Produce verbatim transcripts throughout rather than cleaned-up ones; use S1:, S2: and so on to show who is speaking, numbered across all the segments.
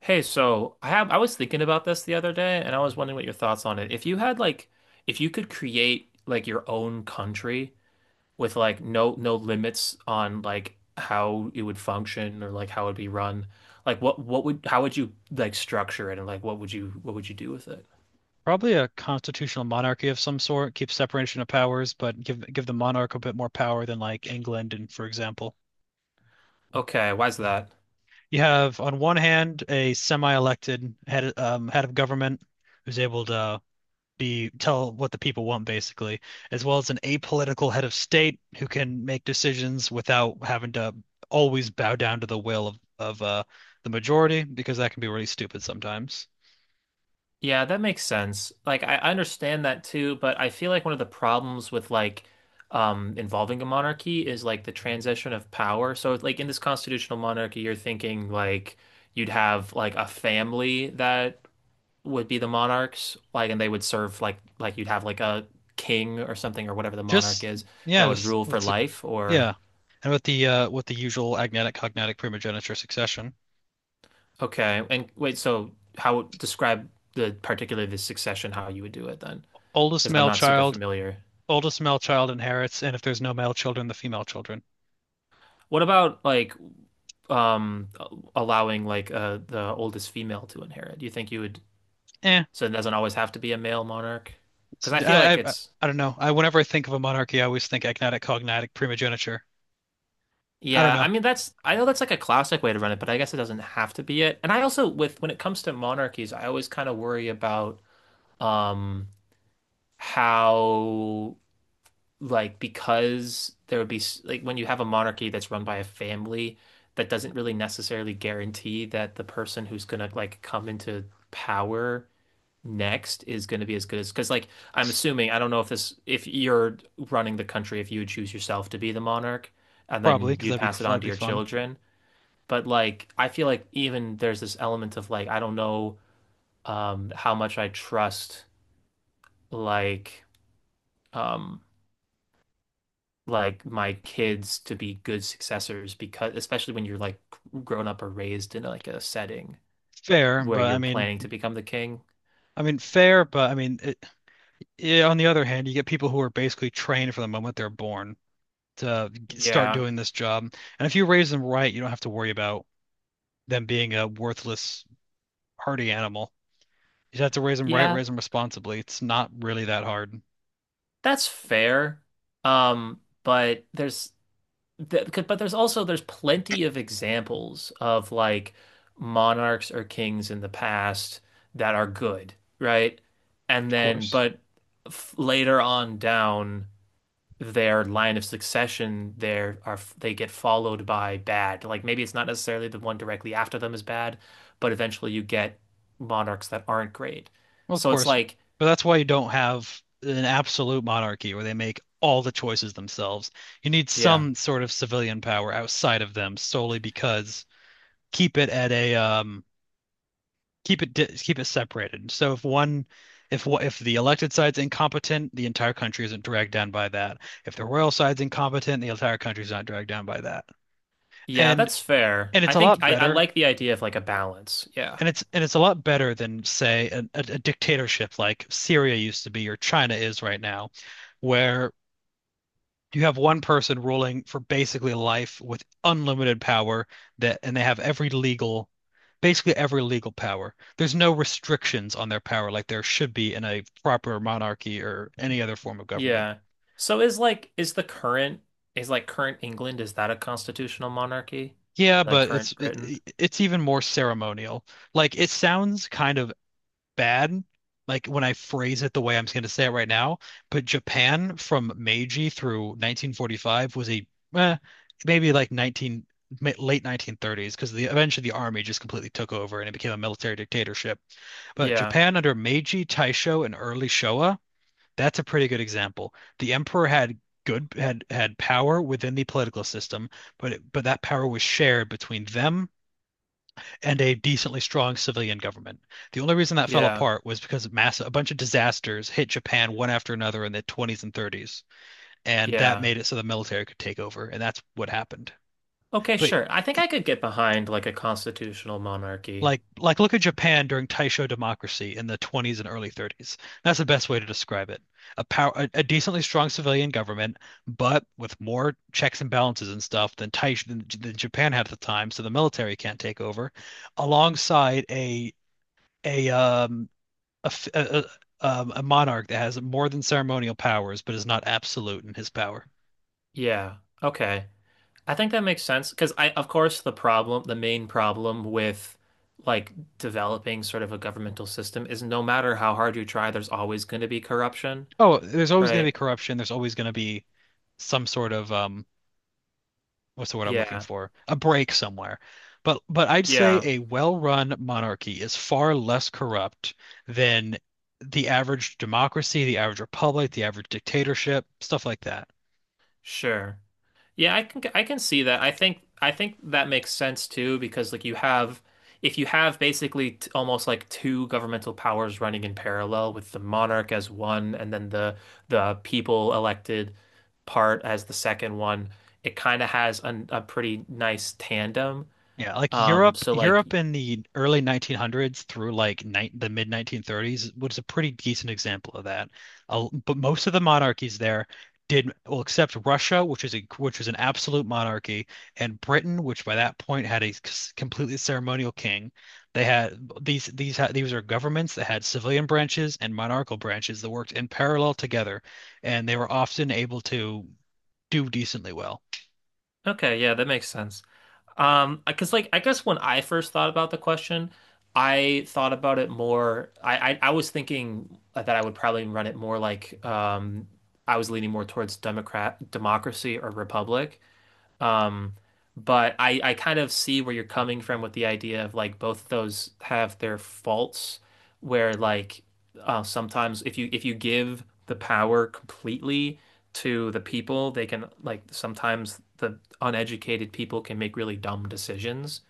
S1: Hey, so I have I was thinking about this the other day and I was wondering what your thoughts on it. If you had like if you could create like your own country with like no no limits on like how it would function or like how it would be run, like what what would how would you like structure it and like what would you what would you do with it?
S2: Probably a constitutional monarchy of some sort. Keep separation of powers, but give give the monarch a bit more power than like England and for example.
S1: Okay, why's that?
S2: You have on one hand a semi-elected head um, head of government who's able to be tell what the people want, basically, as well as an apolitical head of state who can make decisions without having to always bow down to the will of of uh, the majority, because that can be really stupid sometimes.
S1: Yeah, that makes sense. Like I I understand that too, but I feel like one of the problems with like um involving a monarchy is like the transition of power. So like in this constitutional monarchy, you're thinking like you'd have like a family that would be the monarchs, like and they would serve like like you'd have like a king or something or whatever the monarch
S2: Just
S1: is that
S2: yeah,
S1: would
S2: just
S1: rule for
S2: what's it?
S1: life or
S2: Yeah, and with the uh with the usual agnatic, cognatic, primogeniture succession,
S1: okay. And wait, so how describe the particular the succession how you would do it then?
S2: oldest
S1: Because I'm
S2: male
S1: not super
S2: child,
S1: familiar.
S2: oldest male child inherits, and if there's no male children, the female children.
S1: What about like um allowing like uh the oldest female to inherit? Do you think you would
S2: Eh,
S1: so it doesn't always have to be a male monarch?
S2: it's,
S1: Because I feel
S2: I,
S1: like
S2: I
S1: it's
S2: I don't know. I whenever I think of a monarchy, I always think agnatic, cognatic, primogeniture. I don't
S1: yeah, I
S2: know,
S1: mean that's I know that's like a classic way to run it, but I guess it doesn't have to be it. And I also with when it comes to monarchies, I always kind of worry about um how like because there would be s- like when you have a monarchy that's run by a family that doesn't really necessarily guarantee that the person who's gonna like come into power next is going to be as good as because like I'm assuming I don't know if this if you're running the country if you would choose yourself to be the monarch and
S2: probably
S1: then
S2: because
S1: you'd
S2: that'd be
S1: pass it on
S2: that'd
S1: to
S2: be
S1: your
S2: fun.
S1: children but like I feel like even there's this element of like I don't know um how much I trust like um like my kids to be good successors because especially when you're like grown up or raised in like a setting
S2: Fair,
S1: where
S2: but I
S1: you're
S2: mean,
S1: planning to become the king.
S2: I mean fair, but I mean, it, yeah, on the other hand, you get people who are basically trained from the moment they're born to g- start
S1: Yeah.
S2: doing this job. And if you raise them right, you don't have to worry about them being a worthless hardy animal. You just have to raise them right,
S1: Yeah.
S2: raise them responsibly. It's not really that hard, of
S1: That's fair. Um, but there's th c- but there's also there's plenty of examples of like monarchs or kings in the past that are good, right? And then
S2: course.
S1: but f later on down their line of succession there are they get followed by bad. Like maybe it's not necessarily the one directly after them is bad, but eventually you get monarchs that aren't great.
S2: Well, of
S1: So it's
S2: course,
S1: like,
S2: but that's why you don't have an absolute monarchy where they make all the choices themselves. You need
S1: yeah.
S2: some sort of civilian power outside of them, solely because keep it at a um keep it di keep it separated. So if one if wha- if the elected side's incompetent, the entire country isn't dragged down by that. If the royal side's incompetent, the entire country's not dragged down by that.
S1: Yeah,
S2: And
S1: that's fair.
S2: And
S1: I
S2: it's a
S1: think
S2: lot
S1: I, I
S2: better.
S1: like the idea of like a balance. Yeah.
S2: And it's and it's a lot better than, say, a, a, a dictatorship like Syria used to be or China is right now, where you have one person ruling for basically life with unlimited power that, and they have every legal, basically every legal power. There's no restrictions on their power like there should be in a proper monarchy or any other form of government.
S1: Yeah. So is like is the current is like current England, is that a constitutional monarchy?
S2: Yeah,
S1: Like
S2: but it's
S1: current Britain?
S2: it, it's even more ceremonial. Like it sounds kind of bad, like when I phrase it the way I'm going to say it right now, but Japan from Meiji through nineteen forty-five was a eh, maybe like nineteen ma- late nineteen thirties, because the eventually the army just completely took over and it became a military dictatorship. But
S1: Yeah.
S2: Japan under Meiji, Taisho, and early Showa, that's a pretty good example. The emperor had good had had power within the political system, but it, but that power was shared between them and a decently strong civilian government. The only reason that fell
S1: Yeah.
S2: apart was because of massive, a bunch of disasters hit Japan one after another in the twenties and thirties, and that
S1: Yeah.
S2: made it so the military could take over, and that's what happened.
S1: Okay,
S2: But
S1: sure. I think I could get behind like a constitutional monarchy.
S2: like like look at Japan during Taisho democracy in the twenties and early thirties. That's the best way to describe it. A power a, a decently strong civilian government, but with more checks and balances and stuff than Taisho than, than Japan had at the time, so the military can't take over, alongside a a um A um, a a monarch that has more than ceremonial powers, but is not absolute in his power.
S1: Yeah. Okay. I think that makes sense because I of course the problem, the main problem with like developing sort of a governmental system is no matter how hard you try, there's always going to be corruption.
S2: Oh, there's always going to be
S1: Right.
S2: corruption. There's always going to be some sort of um, what's the word I'm looking
S1: Yeah.
S2: for? A break somewhere. But but I'd say
S1: Yeah.
S2: a well-run monarchy is far less corrupt than the average democracy, the average republic, the average dictatorship, stuff like that.
S1: Sure. Yeah, I can I can see that. I think I think that makes sense too because like you have if you have basically t almost like two governmental powers running in parallel with the monarch as one and then the the people elected part as the second one, it kind of has an, a pretty nice tandem.
S2: Yeah, like
S1: Um
S2: Europe,
S1: so like
S2: Europe in the early nineteen hundreds through like ni the mid nineteen thirties was a pretty decent example of that. Uh, but most of the monarchies there did well, except Russia, which is a which was an absolute monarchy, and Britain, which by that point had a c- completely ceremonial king. They had these these had, these are governments that had civilian branches and monarchical branches that worked in parallel together, and they were often able to do decently well.
S1: okay, yeah, that makes sense. Um, because like I guess when I first thought about the question, I thought about it more. I, I I was thinking that I would probably run it more like um I was leaning more towards Democrat democracy or republic. Um, but I, I kind of see where you're coming from with the idea of like both of those have their faults, where like uh, sometimes if you if you give the power completely to the people, they can like sometimes the uneducated people can make really dumb decisions.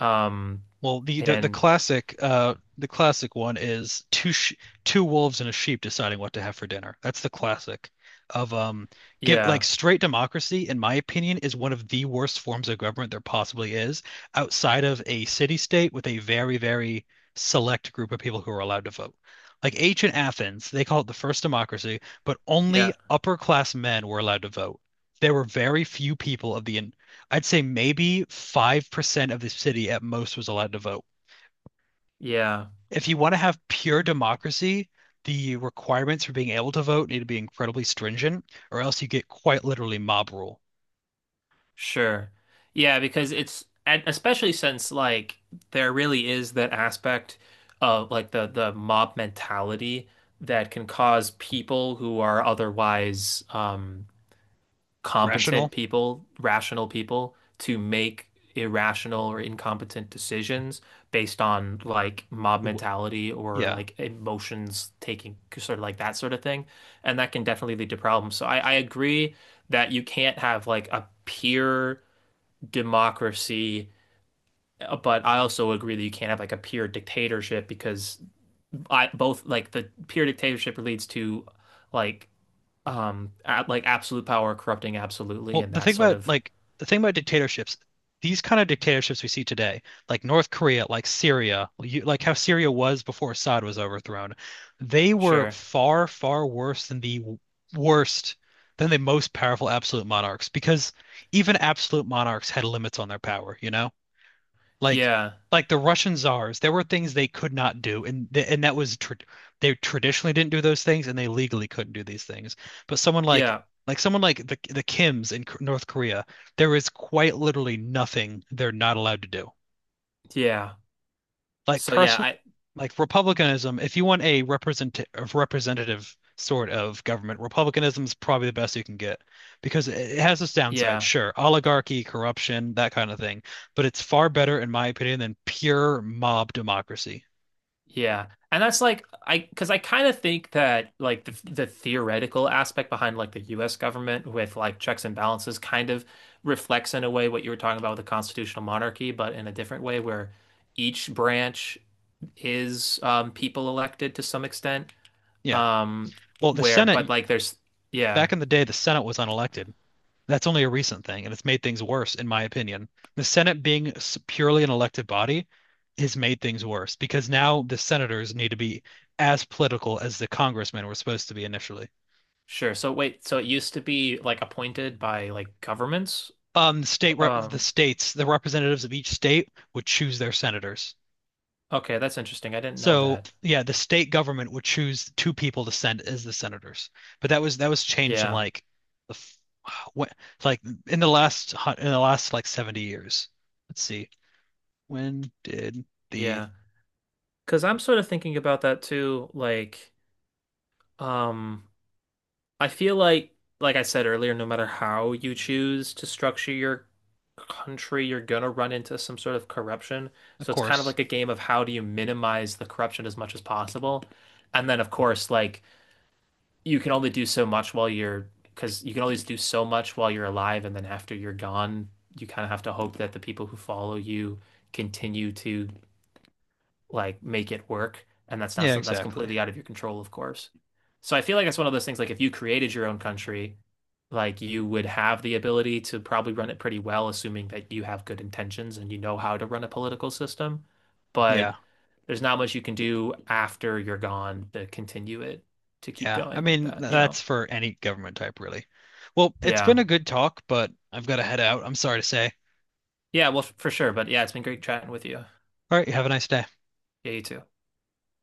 S1: Um,
S2: Well, the, the the
S1: and
S2: classic uh the classic one is two sh two wolves and a sheep deciding what to have for dinner. That's the classic of um give like
S1: yeah,
S2: straight democracy, in my opinion, is one of the worst forms of government there possibly is, outside of a city state with a very, very select group of people who are allowed to vote. Like ancient Athens, they call it the first democracy, but only
S1: yeah,
S2: upper class men were allowed to vote. There were very few people of the I'd say maybe five percent of the city at most was allowed to vote.
S1: yeah.
S2: If you want to have pure democracy, the requirements for being able to vote need to be incredibly stringent, or else you get quite literally mob rule.
S1: Sure. Yeah, because it's and especially since like there really is that aspect of like the the mob mentality that can cause people who are otherwise um competent
S2: Rational?
S1: people, rational people to make irrational or incompetent decisions based on like mob mentality or
S2: Yeah.
S1: like emotions taking sort of like that sort of thing. And that can definitely lead to problems. So I, I agree that you can't have like a pure democracy, uh, but I also agree that you can't have like a pure dictatorship because I both like the pure dictatorship leads to like um at, like absolute power corrupting absolutely
S2: Well,
S1: and
S2: the
S1: that
S2: thing
S1: sort
S2: about
S1: of
S2: like the thing about dictatorships, these kind of dictatorships we see today, like North Korea, like Syria, you, like how Syria was before Assad was overthrown, they were
S1: sure.
S2: far, far worse than the w- worst, than the most powerful absolute monarchs, because even absolute monarchs had limits on their power, you know? Like
S1: Yeah.
S2: like the Russian czars, there were things they could not do, and th and that was tr they traditionally didn't do those things, and they legally couldn't do these things. But someone like
S1: Yeah.
S2: like someone like the the Kims in K- North Korea, there is quite literally nothing they're not allowed to do
S1: Yeah.
S2: like
S1: So yeah
S2: person
S1: I.
S2: like republicanism. If you want a represent a representative sort of government, republicanism is probably the best you can get, because it it has its downside,
S1: Yeah.
S2: sure, oligarchy, corruption, that kind of thing, but it's far better in my opinion than pure mob democracy.
S1: Yeah. And that's like I because I kind of think that like the the theoretical aspect behind like the U S government with like checks and balances kind of reflects in a way what you were talking about with the constitutional monarchy, but in a different way where each branch is um people elected to some extent.
S2: Yeah,
S1: Um
S2: well the
S1: where but
S2: Senate
S1: like there's yeah,
S2: back in the day, the Senate was unelected. That's only a recent thing, and it's made things worse, in my opinion. The Senate being s- purely an elected body has made things worse because now the senators need to be as political as the congressmen were supposed to be initially.
S1: sure. So wait, so it used to be like appointed by like governments?
S2: Um, the state rep the
S1: Um,
S2: states, the representatives of each state would choose their senators.
S1: okay, that's interesting. I didn't know
S2: So
S1: that.
S2: yeah, the state government would choose two people to send as the senators, but that was that was changed in
S1: Yeah.
S2: like the f- what like in the last hu- in the last like seventy years. Let's see. When did the
S1: Yeah. Because I'm sort of thinking about that too. Like, um, I feel like, like I said earlier, no matter how you choose to structure your country, you're gonna run into some sort of corruption.
S2: of
S1: So it's kind of
S2: course.
S1: like a game of how do you minimize the corruption as much as possible. And then, of course, like you can only do so much while you're, because you can always do so much while you're alive, and then after you're gone, you kind of have to hope that the people who follow you continue to like make it work. And that's not
S2: Yeah,
S1: something that's
S2: exactly.
S1: completely out of your control, of course. So I feel like it's one of those things like if you created your own country, like you would have the ability to probably run it pretty well, assuming that you have good intentions and you know how to run a political system. But
S2: Yeah.
S1: there's not much you can do after you're gone to continue it to keep
S2: Yeah. I
S1: going like
S2: mean,
S1: that, you know?
S2: that's for any government type, really. Well, it's been
S1: Yeah.
S2: a good talk, but I've got to head out. I'm sorry to say.
S1: Yeah, well, f- for sure. But yeah, it's been great chatting with you.
S2: All right, you have a nice day.
S1: Yeah, you too.